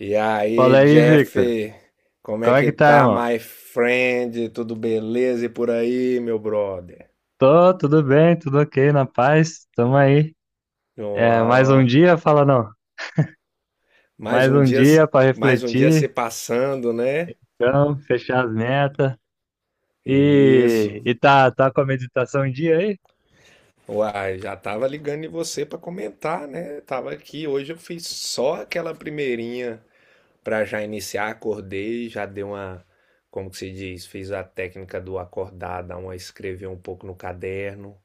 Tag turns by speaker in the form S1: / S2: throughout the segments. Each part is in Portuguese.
S1: E aí,
S2: Fala aí,
S1: Jeff,
S2: Victor.
S1: como é
S2: Como é
S1: que
S2: que tá,
S1: tá,
S2: irmão?
S1: my friend? Tudo beleza e por aí, meu brother?
S2: Tô, tudo bem, tudo ok, na paz. Tamo aí. É, mais um
S1: Uau,
S2: dia, fala não.
S1: mais
S2: Mais
S1: um
S2: um
S1: dia,
S2: dia pra
S1: mais um dia se
S2: refletir,
S1: passando, né?
S2: então, fechar as metas. E,
S1: Isso.
S2: e tá, com a meditação em dia aí?
S1: Uai, já tava ligando em você pra comentar, né? Tava aqui, hoje eu fiz só aquela primeirinha pra já iniciar, acordei, já dei uma, como que se diz, fiz a técnica do acordar, dar uma escrever um pouco no caderno,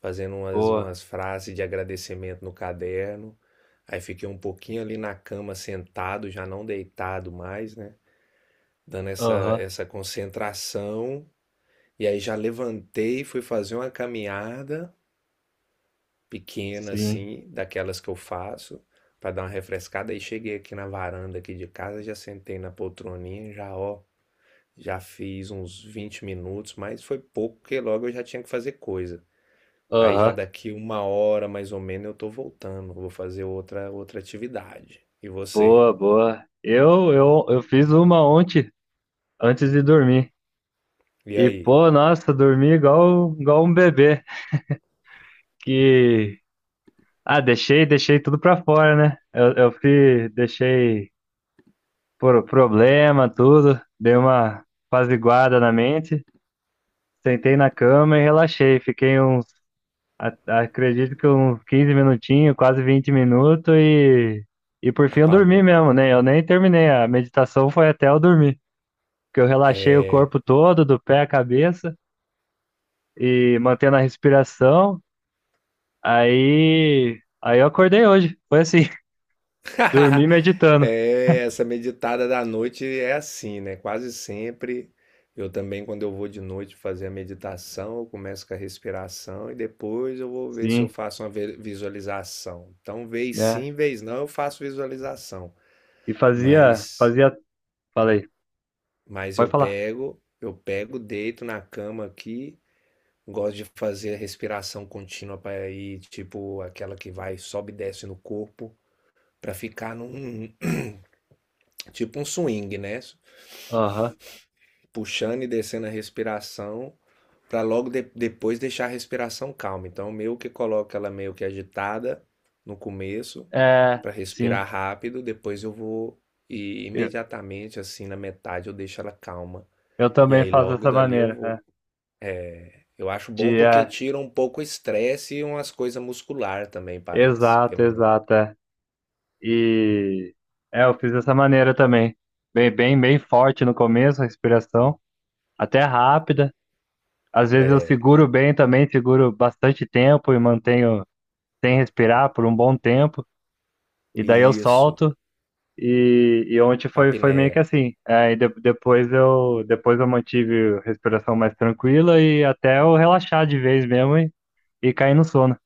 S1: fazendo umas,
S2: Boa.
S1: umas frases de agradecimento no caderno. Aí fiquei um pouquinho ali na cama sentado, já não deitado mais, né? Dando essa,
S2: Aham,
S1: essa concentração. E aí já levantei, fui fazer uma caminhada pequena
S2: sim.
S1: assim, daquelas que eu faço, para dar uma refrescada. Aí cheguei aqui na varanda aqui de casa, já sentei na poltroninha, já ó, já fiz uns 20 minutos, mas foi pouco, porque logo eu já tinha que fazer coisa. Aí já
S2: Aham,
S1: daqui uma hora mais ou menos eu tô voltando, vou fazer outra atividade. E você?
S2: boa, boa. Eu fiz uma ontem, antes de dormir.
S1: E
S2: E,
S1: aí?
S2: pô, nossa, dormi igual, igual um bebê. Que, ah, deixei, tudo pra fora, né? Eu fui, deixei por problema, tudo. Dei uma apaziguada na mente, sentei na cama e relaxei. Fiquei uns, a- acredito que uns 15 minutinhos, quase 20 minutos e por fim eu dormi
S1: Apagou.
S2: mesmo, né? Eu nem terminei, a meditação foi até eu dormir, que eu relaxei o
S1: É.
S2: corpo todo, do pé à cabeça e mantendo a respiração. Aí eu acordei hoje, foi assim, dormi meditando.
S1: É, essa meditada da noite é assim, né? Quase sempre eu também quando eu vou de noite fazer a meditação, eu começo com a respiração e depois eu vou ver se eu
S2: Sim,
S1: faço uma visualização. Então, vez
S2: né?
S1: sim, vez não, eu faço visualização,
S2: E
S1: mas
S2: falei,
S1: mas
S2: pode
S1: eu
S2: falar.
S1: pego, eu pego, deito na cama aqui. Gosto de fazer a respiração contínua para ir, tipo, aquela que vai, sobe e desce no corpo, para ficar num, tipo um swing, né?
S2: Aham.
S1: Puxando e descendo a respiração, para logo depois deixar a respiração calma. Então, meio que coloco ela meio que agitada no começo,
S2: É,
S1: para
S2: sim.
S1: respirar rápido, depois eu vou e
S2: Eu,
S1: imediatamente assim na metade eu deixo ela calma.
S2: eu
S1: E
S2: também
S1: aí
S2: faço
S1: logo
S2: dessa
S1: dali eu
S2: maneira, né?
S1: vou. Eu acho bom
S2: De,
S1: porque
S2: é,
S1: tira um pouco o estresse e umas coisas muscular também, parece,
S2: exato,
S1: pelo menos.
S2: exato. É. E é, eu fiz dessa maneira também. Bem, bem, bem forte no começo, a respiração, até rápida. Às vezes eu
S1: É,
S2: seguro bem também, seguro bastante tempo e mantenho sem respirar por um bom tempo. E daí eu
S1: isso,
S2: solto. E ontem foi, foi meio
S1: apneia.
S2: que assim. É, e depois eu mantive a respiração mais tranquila e até eu relaxar de vez mesmo e cair no sono.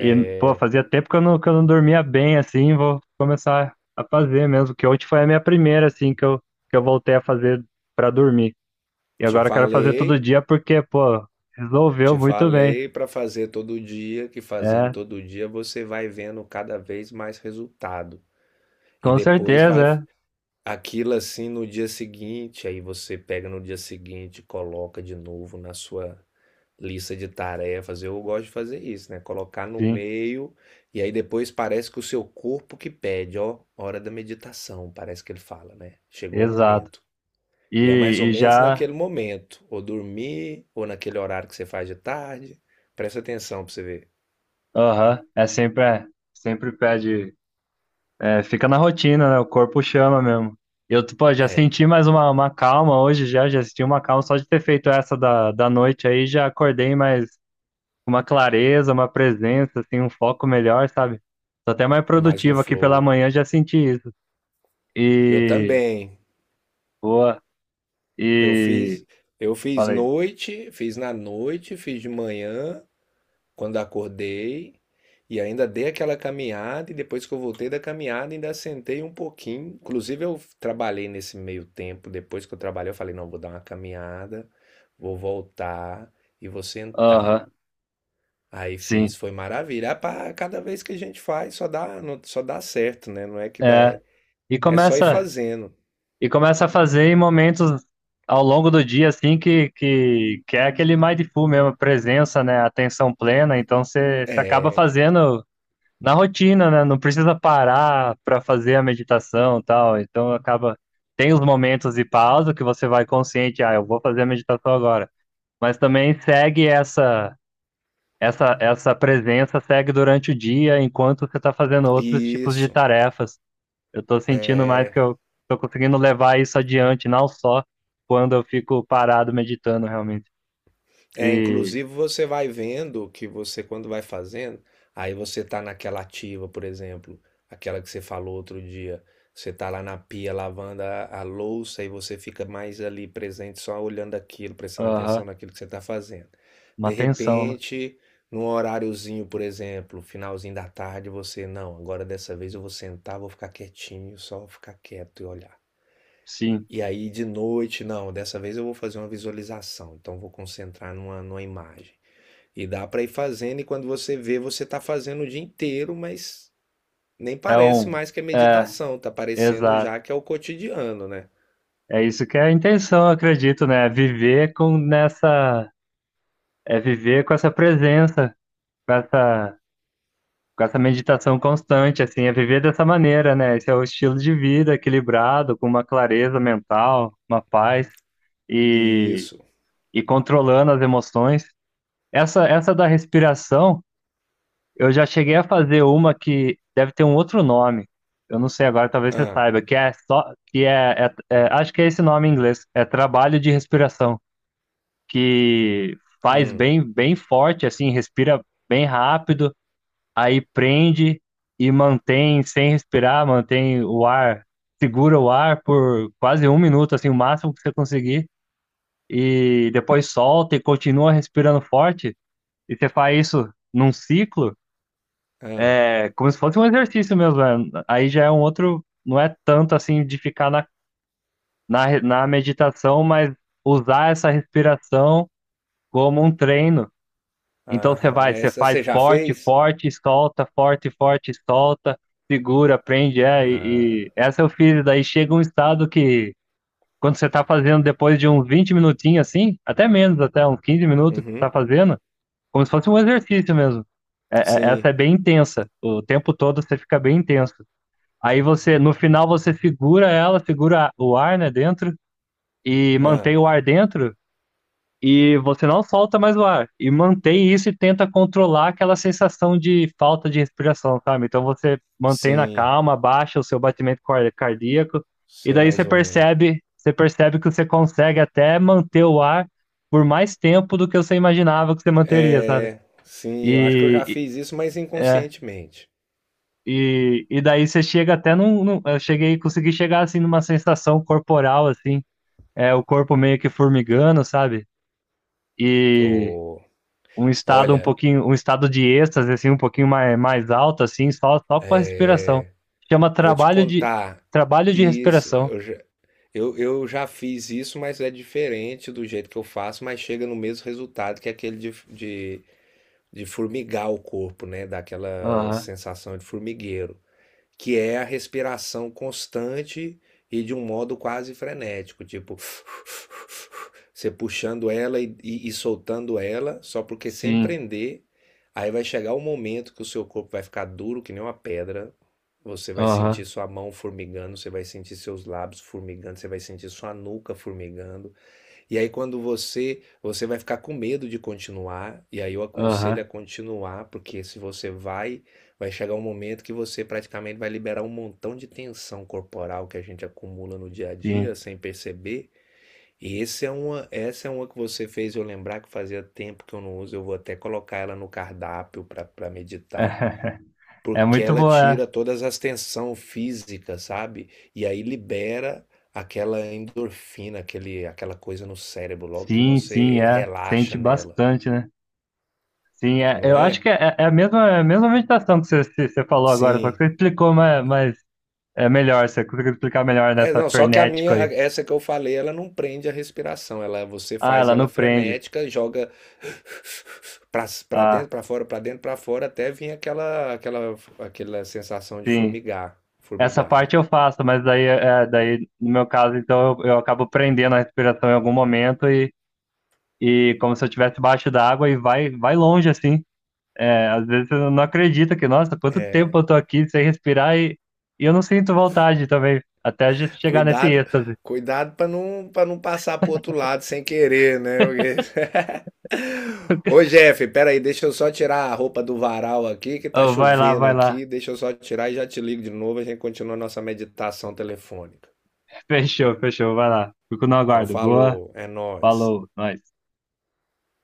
S2: E, pô, fazia tempo que eu não dormia bem, assim, vou começar a fazer mesmo, que ontem foi a minha primeira, assim, que eu voltei a fazer pra dormir. E
S1: te
S2: agora eu quero fazer todo
S1: falei,
S2: dia porque, pô, resolveu
S1: te
S2: muito bem.
S1: falei para fazer todo dia, que fazendo
S2: É,
S1: todo dia você vai vendo cada vez mais resultado. E
S2: com
S1: depois vai
S2: certeza, é.
S1: aquilo assim no dia seguinte, aí você pega no dia seguinte, coloca de novo na sua lista de tarefas. Eu gosto de fazer isso, né? Colocar no
S2: Sim,
S1: meio e aí depois parece que o seu corpo que pede, ó, hora da meditação, parece que ele fala, né? Chegou o
S2: exato.
S1: momento. E é mais ou
S2: E, e
S1: menos
S2: já,
S1: naquele momento, ou dormir, ou naquele horário que você faz de tarde. Presta atenção pra você ver.
S2: aham, é, sempre pede, é, fica na rotina, né, o corpo chama mesmo. Eu, pô, já
S1: É,
S2: senti mais uma calma hoje, já, já senti uma calma só de ter feito essa da, da noite aí, já acordei mais uma clareza, uma presença, assim, um foco melhor, sabe? Tô até mais
S1: mais no
S2: produtivo aqui pela
S1: flow.
S2: manhã, já senti isso.
S1: Eu
S2: E
S1: também.
S2: boa.
S1: Eu fiz,
S2: E
S1: eu fiz
S2: falei,
S1: noite, fiz na noite, fiz de manhã. Quando acordei e ainda dei aquela caminhada, e depois que eu voltei da caminhada, ainda sentei um pouquinho. Inclusive, eu trabalhei nesse meio tempo. Depois que eu trabalhei, eu falei: não, vou dar uma caminhada, vou voltar e vou sentar.
S2: aham,
S1: Aí fiz,
S2: sim.
S1: foi maravilha. Ah, pá, cada vez que a gente faz, só dá certo, né? Não é que dá,
S2: É,
S1: é,
S2: e
S1: é só ir
S2: começa
S1: fazendo.
S2: e começa a fazer em momentos ao longo do dia assim que é aquele mindful mesmo, presença, né, atenção plena, então você acaba
S1: É,
S2: fazendo na rotina, né? Não precisa parar para fazer a meditação, e tal. Então acaba tem os momentos de pausa que você vai consciente, ah, eu vou fazer a meditação agora. Mas também segue essa essa presença segue durante o dia enquanto você está fazendo outros tipos de
S1: isso.
S2: tarefas. Eu estou sentindo mais
S1: É,
S2: que eu estou conseguindo levar isso adiante, não só quando eu fico parado meditando realmente.
S1: é,
S2: E
S1: inclusive você vai vendo que você, quando vai fazendo, aí você tá naquela ativa, por exemplo, aquela que você falou outro dia. Você tá lá na pia lavando a louça e você fica mais ali presente, só olhando aquilo, prestando atenção
S2: aham,
S1: naquilo que você tá fazendo.
S2: uma
S1: De
S2: tensão, né?
S1: repente, num horáriozinho, por exemplo, finalzinho da tarde, você, não, agora dessa vez eu vou sentar, vou ficar quietinho, só ficar quieto e olhar.
S2: Sim,
S1: E aí de noite, não, dessa vez eu vou fazer uma visualização, então vou concentrar numa, numa imagem. E dá para ir fazendo, e quando você vê, você tá fazendo o dia inteiro, mas nem
S2: é
S1: parece
S2: um
S1: mais que é
S2: é,
S1: meditação, tá parecendo
S2: exato.
S1: já que é o cotidiano, né?
S2: É isso que é a intenção, eu acredito, né? É viver com nessa, é viver com essa presença, com essa, com essa meditação constante, assim, é viver dessa maneira, né? Esse é o estilo de vida equilibrado, com uma clareza mental, uma paz
S1: E
S2: e,
S1: isso.
S2: e controlando as emoções. Essa da respiração, eu já cheguei a fazer uma que deve ter um outro nome. Eu não sei agora, talvez você
S1: Ah.
S2: saiba, que é só, que é, é, é acho que é esse nome em inglês, é trabalho de respiração. Que faz
S1: Hum.
S2: bem, bem forte, assim, respira bem rápido, aí prende e mantém sem respirar, mantém o ar, segura o ar por quase um minuto, assim, o máximo que você conseguir, e depois solta e continua respirando forte, e você faz isso num ciclo,
S1: Ah,
S2: é como se fosse um exercício mesmo, né? Aí já é um outro, não é tanto assim de ficar na, na meditação, mas usar essa respiração como um treino. Então você
S1: aham.
S2: vai, você
S1: Essa você
S2: faz
S1: já fez?
S2: forte, forte, solta, segura, prende, é, e,
S1: Ah,
S2: e essa eu fiz, daí chega um estado que quando você tá fazendo depois de uns 20 minutinhos assim, até menos, até uns 15 minutos que você tá
S1: uhum,
S2: fazendo, como se fosse um exercício mesmo. Essa
S1: sim,
S2: é bem intensa, o tempo todo você fica bem intenso. Aí você, no final você segura ela, segura o ar, né, dentro, e
S1: ah,
S2: mantém o ar dentro, e você não solta mais o ar. E mantém isso e tenta controlar aquela sensação de falta de respiração, sabe? Então você mantém na
S1: sim,
S2: calma, baixa o seu batimento cardíaco, e
S1: sei
S2: daí
S1: mais ou menos.
S2: você percebe que você consegue até manter o ar por mais tempo do que você imaginava que você manteria, sabe?
S1: É, sim, eu acho que eu já
S2: E,
S1: fiz isso, mas
S2: e- é,
S1: inconscientemente.
S2: e daí você chega até num, eu cheguei, consegui chegar assim numa sensação corporal assim, é o corpo meio que formigando, sabe? E
S1: Oh,
S2: um estado um
S1: olha,
S2: pouquinho, um estado de êxtase, assim, um pouquinho mais, mais alto, assim, só, só com a respiração. Chama
S1: vou te contar.
S2: trabalho de
S1: Isso,
S2: respiração.
S1: eu, já fiz isso, mas é diferente do jeito que eu faço, mas chega no mesmo resultado que aquele de formigar o corpo, né? Daquela
S2: Aham,
S1: sensação de formigueiro que é a respiração constante e de um modo quase frenético, tipo você puxando ela e soltando ela, só porque sem
S2: sim.
S1: prender, aí vai chegar o momento que o seu corpo vai ficar duro que nem uma pedra. Você vai sentir
S2: Aham,
S1: sua mão formigando, você vai sentir seus lábios formigando, você vai sentir sua nuca formigando. E aí quando você vai ficar com medo de continuar, e aí eu aconselho a
S2: aham,
S1: continuar, porque se você vai, vai chegar um momento que você praticamente vai liberar um montão de tensão corporal que a gente acumula no dia a dia
S2: sim.
S1: sem perceber. E esse é uma, essa é uma que você fez eu lembrar que fazia tempo que eu não uso, eu vou até colocar ela no cardápio para meditar.
S2: É
S1: Porque
S2: muito
S1: ela
S2: boa, é.
S1: tira todas as tensão física, sabe? E aí libera aquela endorfina, aquele, aquela coisa no cérebro, logo que
S2: Sim, sim,
S1: você
S2: é. Sente
S1: relaxa nela,
S2: bastante, né? Sim, é.
S1: não
S2: Eu acho
S1: é?
S2: que é, é a mesma meditação que você, você falou agora, só que
S1: Sim.
S2: você explicou mas é melhor, você conseguiu explicar melhor
S1: É,
S2: nessa
S1: não, só que
S2: frenético aí.
S1: essa que eu falei, ela não prende a respiração, ela você
S2: Ah,
S1: faz
S2: ela não
S1: ela
S2: prende.
S1: frenética, joga pra, pra
S2: Ah,
S1: dentro, pra fora, pra dentro, pra fora, até vir aquela sensação de
S2: sim.
S1: formigar,
S2: Essa
S1: formigado.
S2: parte eu faço, mas daí, é, daí no meu caso, então eu acabo prendendo a respiração em algum momento e como se eu estivesse debaixo d'água e vai, vai longe assim. É, às vezes eu não acredito que, nossa, quanto tempo eu tô aqui sem respirar e eu não sinto vontade também, até a gente chegar nesse
S1: Cuidado,
S2: êxtase.
S1: cuidado para não passar pro outro lado sem querer, né? Porque... Ô Jeff, peraí, deixa eu só tirar a roupa do varal aqui, que tá
S2: Ô, vai lá,
S1: chovendo
S2: vai lá.
S1: aqui. Deixa eu só tirar e já te ligo de novo. A gente continua a nossa meditação telefônica.
S2: Fechou, fechou, vai lá. Fico no
S1: Então,
S2: aguardo. Boa,
S1: falou, é nóis.
S2: falou, nós.